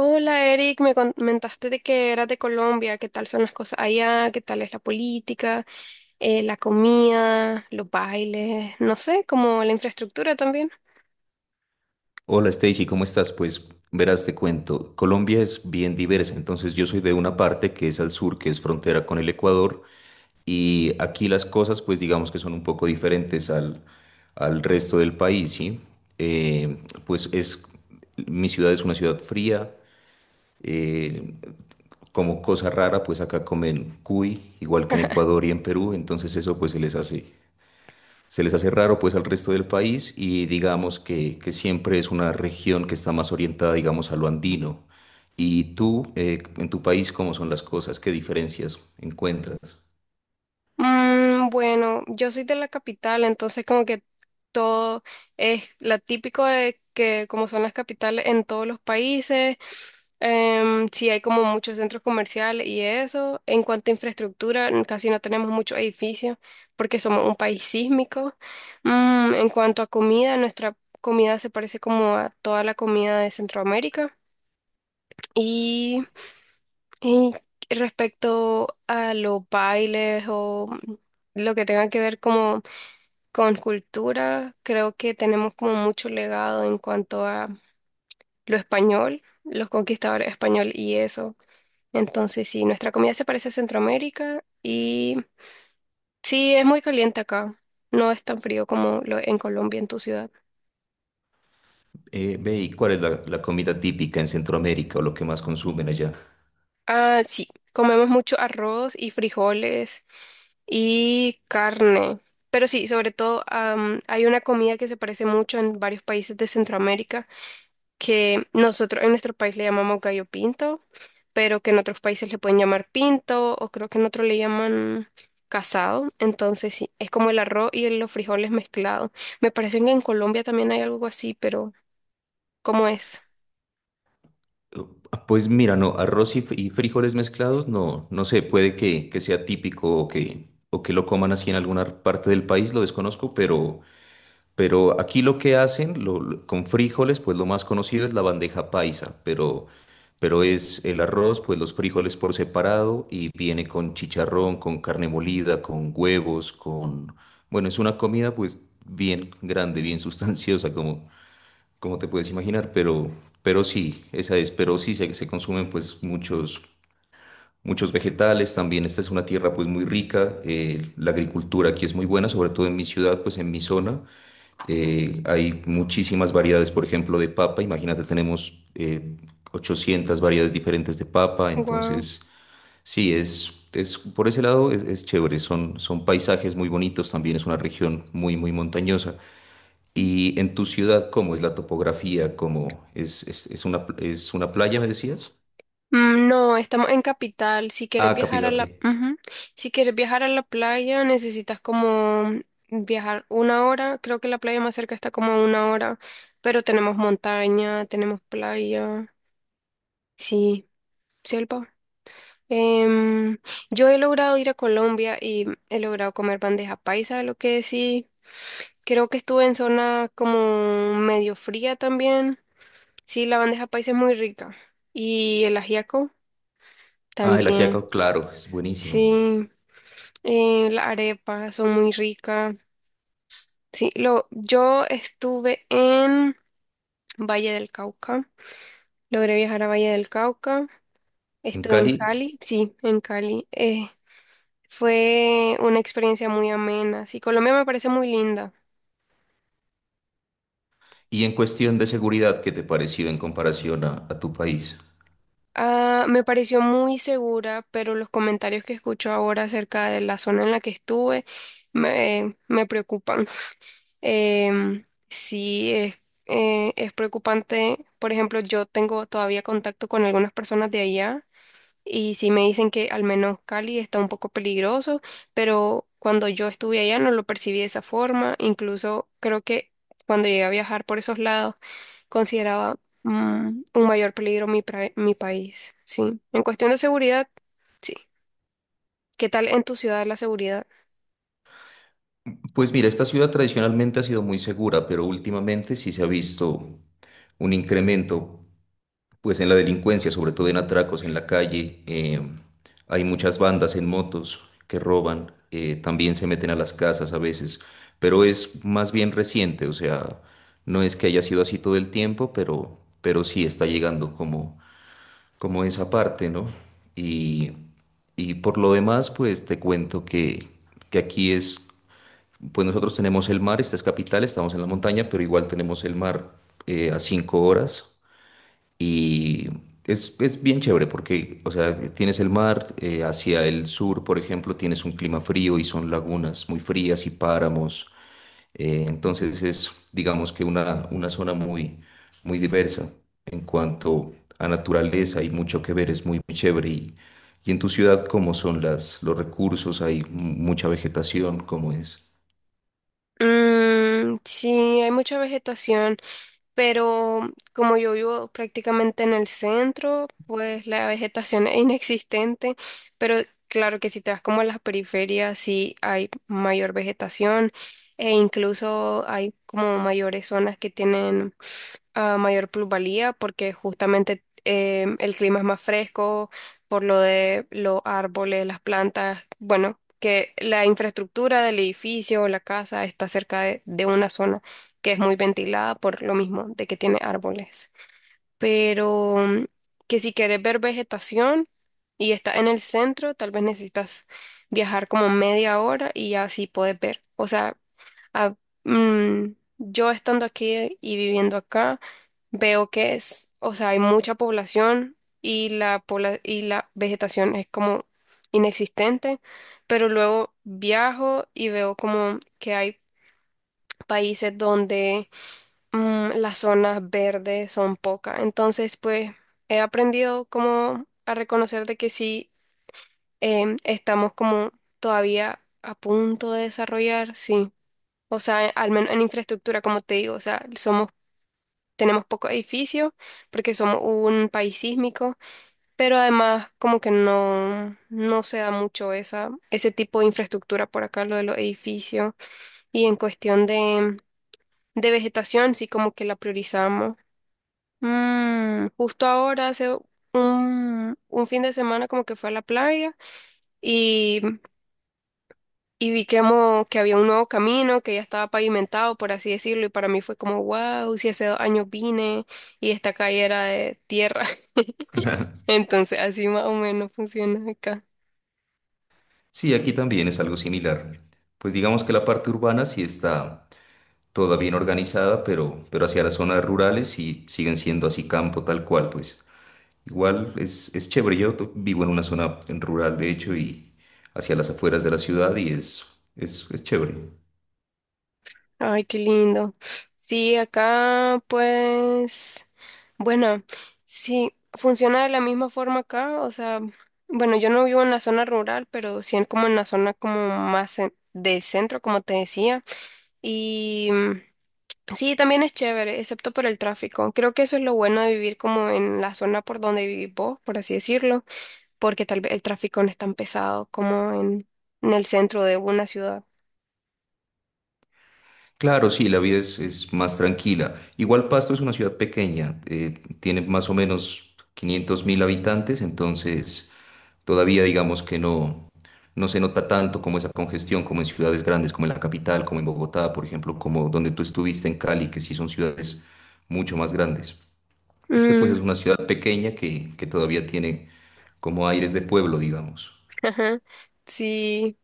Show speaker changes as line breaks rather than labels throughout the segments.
Hola Eric, me comentaste de que eras de Colombia, qué tal son las cosas allá, qué tal es la política, la comida, los bailes, no sé, como la infraestructura también.
Hola Stacy, ¿cómo estás? Pues verás, te cuento, Colombia es bien diversa, entonces yo soy de una parte que es al sur, que es frontera con el Ecuador, y aquí las cosas pues digamos que son un poco diferentes al resto del país, ¿sí? Eh, pues mi ciudad es una ciudad fría, eh, como cosa rara pues acá comen cuy, igual que en Ecuador y en Perú, entonces eso pues se les hace raro pues al resto del país y digamos que siempre es una región que está más orientada digamos a lo andino. ¿Y tú, en tu país, cómo son las cosas? ¿Qué diferencias encuentras?
Bueno, yo soy de la capital, entonces como que todo es la típico de que como son las capitales en todos los países, sí hay como muchos centros comerciales y eso. En cuanto a infraestructura, casi no tenemos muchos edificios porque somos un país sísmico. En cuanto a comida, nuestra comida se parece como a toda la comida de Centroamérica. Y respecto a los bailes o lo que tenga que ver como con cultura, creo que tenemos como mucho legado en cuanto a lo español, los conquistadores español y eso. Entonces, sí, nuestra comida se parece a Centroamérica y sí, es muy caliente acá. No es tan frío como lo en Colombia, en tu ciudad.
Ve, ¿y cuál es la comida típica en Centroamérica o lo que más consumen allá?
Ah, sí, comemos mucho arroz y frijoles y carne. Pero sí, sobre todo hay una comida que se parece mucho en varios países de Centroamérica, que nosotros en nuestro país le llamamos gallo pinto, pero que en otros países le pueden llamar pinto o creo que en otro le llaman casado. Entonces sí, es como el arroz y los frijoles mezclados. Me parece que en Colombia también hay algo así, pero ¿cómo es?
Pues mira, no, arroz y frijoles mezclados, no, no sé, puede que sea típico o que lo coman así en alguna parte del país, lo desconozco. Pero aquí lo que hacen con frijoles, pues lo más conocido es la bandeja paisa, pero es el arroz, pues los frijoles por separado y viene con chicharrón, con carne molida, con huevos, con... Bueno, es una comida pues bien grande, bien sustanciosa, como, como te puedes imaginar, pero sí se consumen pues muchos vegetales, también esta es una tierra pues muy rica, la agricultura aquí es muy buena, sobre todo en mi ciudad, pues en mi zona, hay muchísimas variedades, por ejemplo, de papa. Imagínate, tenemos 800 variedades diferentes de papa.
Guau.
Entonces, sí, es por ese lado es chévere. Son paisajes muy bonitos. También es una región muy, muy montañosa. Y en tu ciudad, ¿cómo es la topografía? ¿Cómo es una playa, me decías?
Mm, no, estamos en capital. Si quieres
Ah,
viajar
Capitán,
a
ok.
la, ujú. Si quieres viajar a la playa, necesitas como viajar una hora. Creo que la playa más cerca está como a una hora, pero tenemos montaña, tenemos playa, sí, selva. Em, yo he logrado ir a Colombia y he logrado comer bandeja paisa, lo que sí. Creo que estuve en zona como medio fría también. Sí, la bandeja paisa es muy rica. Y el ajiaco
Ah, el
también.
Ajiaco, claro, es buenísimo.
Sí. La arepa, son muy ricas. Sí, lo, yo estuve en Valle del Cauca. Logré viajar a Valle del Cauca.
En
Estuve en
Cali.
Cali. Sí, en Cali. Fue una experiencia muy amena. Sí, Colombia me parece muy linda.
Y en cuestión de seguridad, ¿qué te pareció en comparación a tu país?
Ah, me pareció muy segura, pero los comentarios que escucho ahora acerca de la zona en la que estuve me, me preocupan. Sí, es preocupante. Por ejemplo, yo tengo todavía contacto con algunas personas de allá y sí me dicen que al menos Cali está un poco peligroso, pero cuando yo estuve allá no lo percibí de esa forma. Incluso creo que cuando llegué a viajar por esos lados consideraba un mayor peligro mi, mi país. Sí, en cuestión de seguridad, sí. ¿Qué tal en tu ciudad la seguridad?
Pues mira, esta ciudad tradicionalmente ha sido muy segura, pero últimamente sí se ha visto un incremento, pues en la delincuencia, sobre todo en atracos en la calle. Hay muchas bandas en motos que roban, también se meten a las casas a veces, pero es más bien reciente, o sea, no es que haya sido así todo el tiempo, pero sí está llegando como esa parte, ¿no? Y, y por lo demás, pues te cuento que aquí es pues nosotros tenemos el mar, esta es capital, estamos en la montaña, pero igual tenemos el mar a 5 horas, y es bien chévere porque, o sea, tienes el mar hacia el sur, por ejemplo, tienes un clima frío y son lagunas muy frías y páramos. Entonces es, digamos que una zona muy, muy diversa en cuanto a naturaleza, hay mucho que ver, es muy, muy chévere. Y en tu ciudad, ¿cómo son los recursos? ¿Hay mucha vegetación? ¿Cómo es?
Mm, sí, hay mucha vegetación, pero como yo vivo prácticamente en el centro, pues la vegetación es inexistente, pero claro que si te vas como a las periferias, sí hay mayor vegetación e incluso hay como mayores zonas que tienen mayor plusvalía porque justamente el clima es más fresco por lo de los árboles, las plantas, bueno, que la infraestructura del edificio o la casa está cerca de una zona que es muy ventilada por lo mismo de que tiene árboles. Pero que si quieres ver vegetación y está en el centro, tal vez necesitas viajar como media hora y ya así puedes ver. O sea, a- yo estando aquí y viviendo acá, veo que es, o sea, hay mucha población y la, y la vegetación es como inexistente, pero luego viajo y veo como que hay países donde las zonas verdes son pocas. Entonces, pues he aprendido como a reconocer de que sí estamos como todavía a punto de desarrollar, sí. O sea, al menos en infraestructura, como te digo, o sea, somos, tenemos pocos edificios porque somos un país sísmico, pero además como que no, no se da mucho esa, ese tipo de infraestructura por acá, lo de los edificios. Y en cuestión de vegetación, sí como que la priorizamos. Mm, justo ahora, hace un fin de semana como que fue a la playa y, y vi que, que había un nuevo camino que ya estaba pavimentado, por así decirlo, y para mí fue como, wow, si hace dos años vine y esta calle era de tierra. Entonces así más o menos funciona acá.
Sí, aquí también es algo similar. Pues digamos que la parte urbana sí está toda bien organizada, pero hacia las zonas rurales sí siguen siendo así campo tal cual, pues. Igual es chévere. Yo vivo en una zona rural, de hecho, y hacia las afueras de la ciudad y es chévere.
Ay, qué lindo. Sí, acá pues, bueno, sí, funciona de la misma forma acá, o sea, bueno, yo no vivo en la zona rural, pero sí como en la zona como más de centro, como te decía, y sí, también es chévere, excepto por el tráfico. Creo que eso es lo bueno de vivir como en la zona por donde vivís vos, por así decirlo, porque tal vez el tráfico no es tan pesado como en el centro de una ciudad.
Claro, sí, la vida es más tranquila. Igual Pasto es una ciudad pequeña, tiene más o menos 500 mil habitantes, entonces todavía digamos que no, no se nota tanto como esa congestión, como en ciudades grandes, como en la capital, como en Bogotá, por ejemplo, como donde tú estuviste en Cali, que sí son ciudades mucho más grandes. Este pues es
Mm,
una ciudad pequeña que todavía tiene como aires de pueblo, digamos.
ajá. Sí.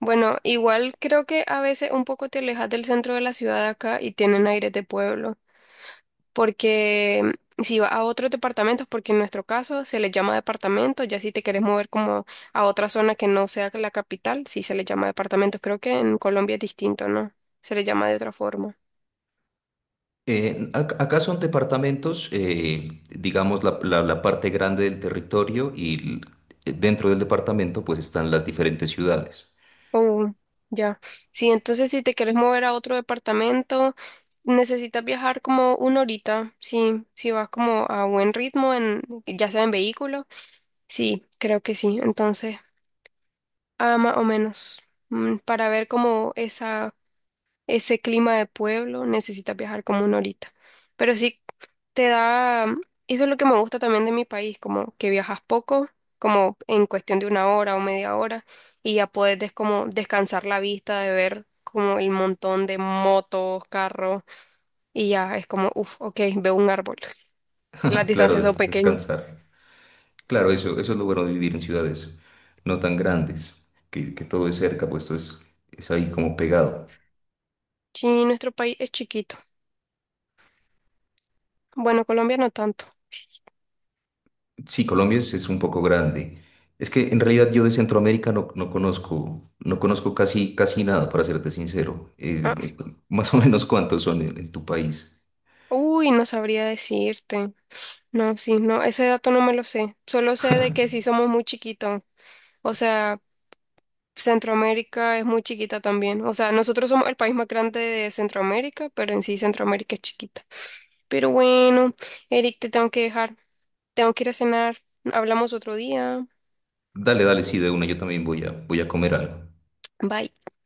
Bueno, igual creo que a veces un poco te alejas del centro de la ciudad de acá y tienen aire de pueblo, porque si vas a otros departamentos, porque en nuestro caso se les llama departamento, ya si te quieres mover como a otra zona que no sea la capital, sí se les llama departamentos. Creo que en Colombia es distinto, ¿no? Se les llama de otra forma.
Acá son departamentos, digamos, la parte grande del territorio dentro del departamento pues están las diferentes ciudades.
Oh, ya. Sí, entonces si te quieres mover a otro departamento, necesitas viajar como una horita, sí, si vas como a buen ritmo en, ya sea en vehículo. Sí, creo que sí. Entonces, ah, más o menos, para ver como esa, ese clima de pueblo necesitas viajar como una horita. Pero sí, te da, eso es lo que me gusta también de mi país, como que viajas poco, como en cuestión de una hora o media hora, y ya puedes como descansar la vista de ver como el montón de motos, carros, y ya es como, uff, ok, veo un árbol. Las
Claro,
distancias son pequeñas.
descansar. Claro, eso es lo bueno de vivir en ciudades no tan grandes, que todo es cerca, pues todo es ahí como pegado.
Sí, nuestro país es chiquito. Bueno, Colombia no tanto.
Sí, Colombia es un poco grande. Es que en realidad yo de Centroamérica no, no conozco casi, casi nada, para serte sincero.
Ah,
¿Más o menos cuántos son en tu país?
uy, no sabría decirte. No, sí, no, ese dato no me lo sé. Solo sé de que sí somos muy chiquitos. O sea, Centroamérica es muy chiquita también. O sea, nosotros somos el país más grande de Centroamérica, pero en sí Centroamérica es chiquita. Pero bueno, Eric, te tengo que dejar. Tengo que ir a cenar. Hablamos otro día.
Dale, dale, sí, de una, yo también voy a, comer algo.
Bye.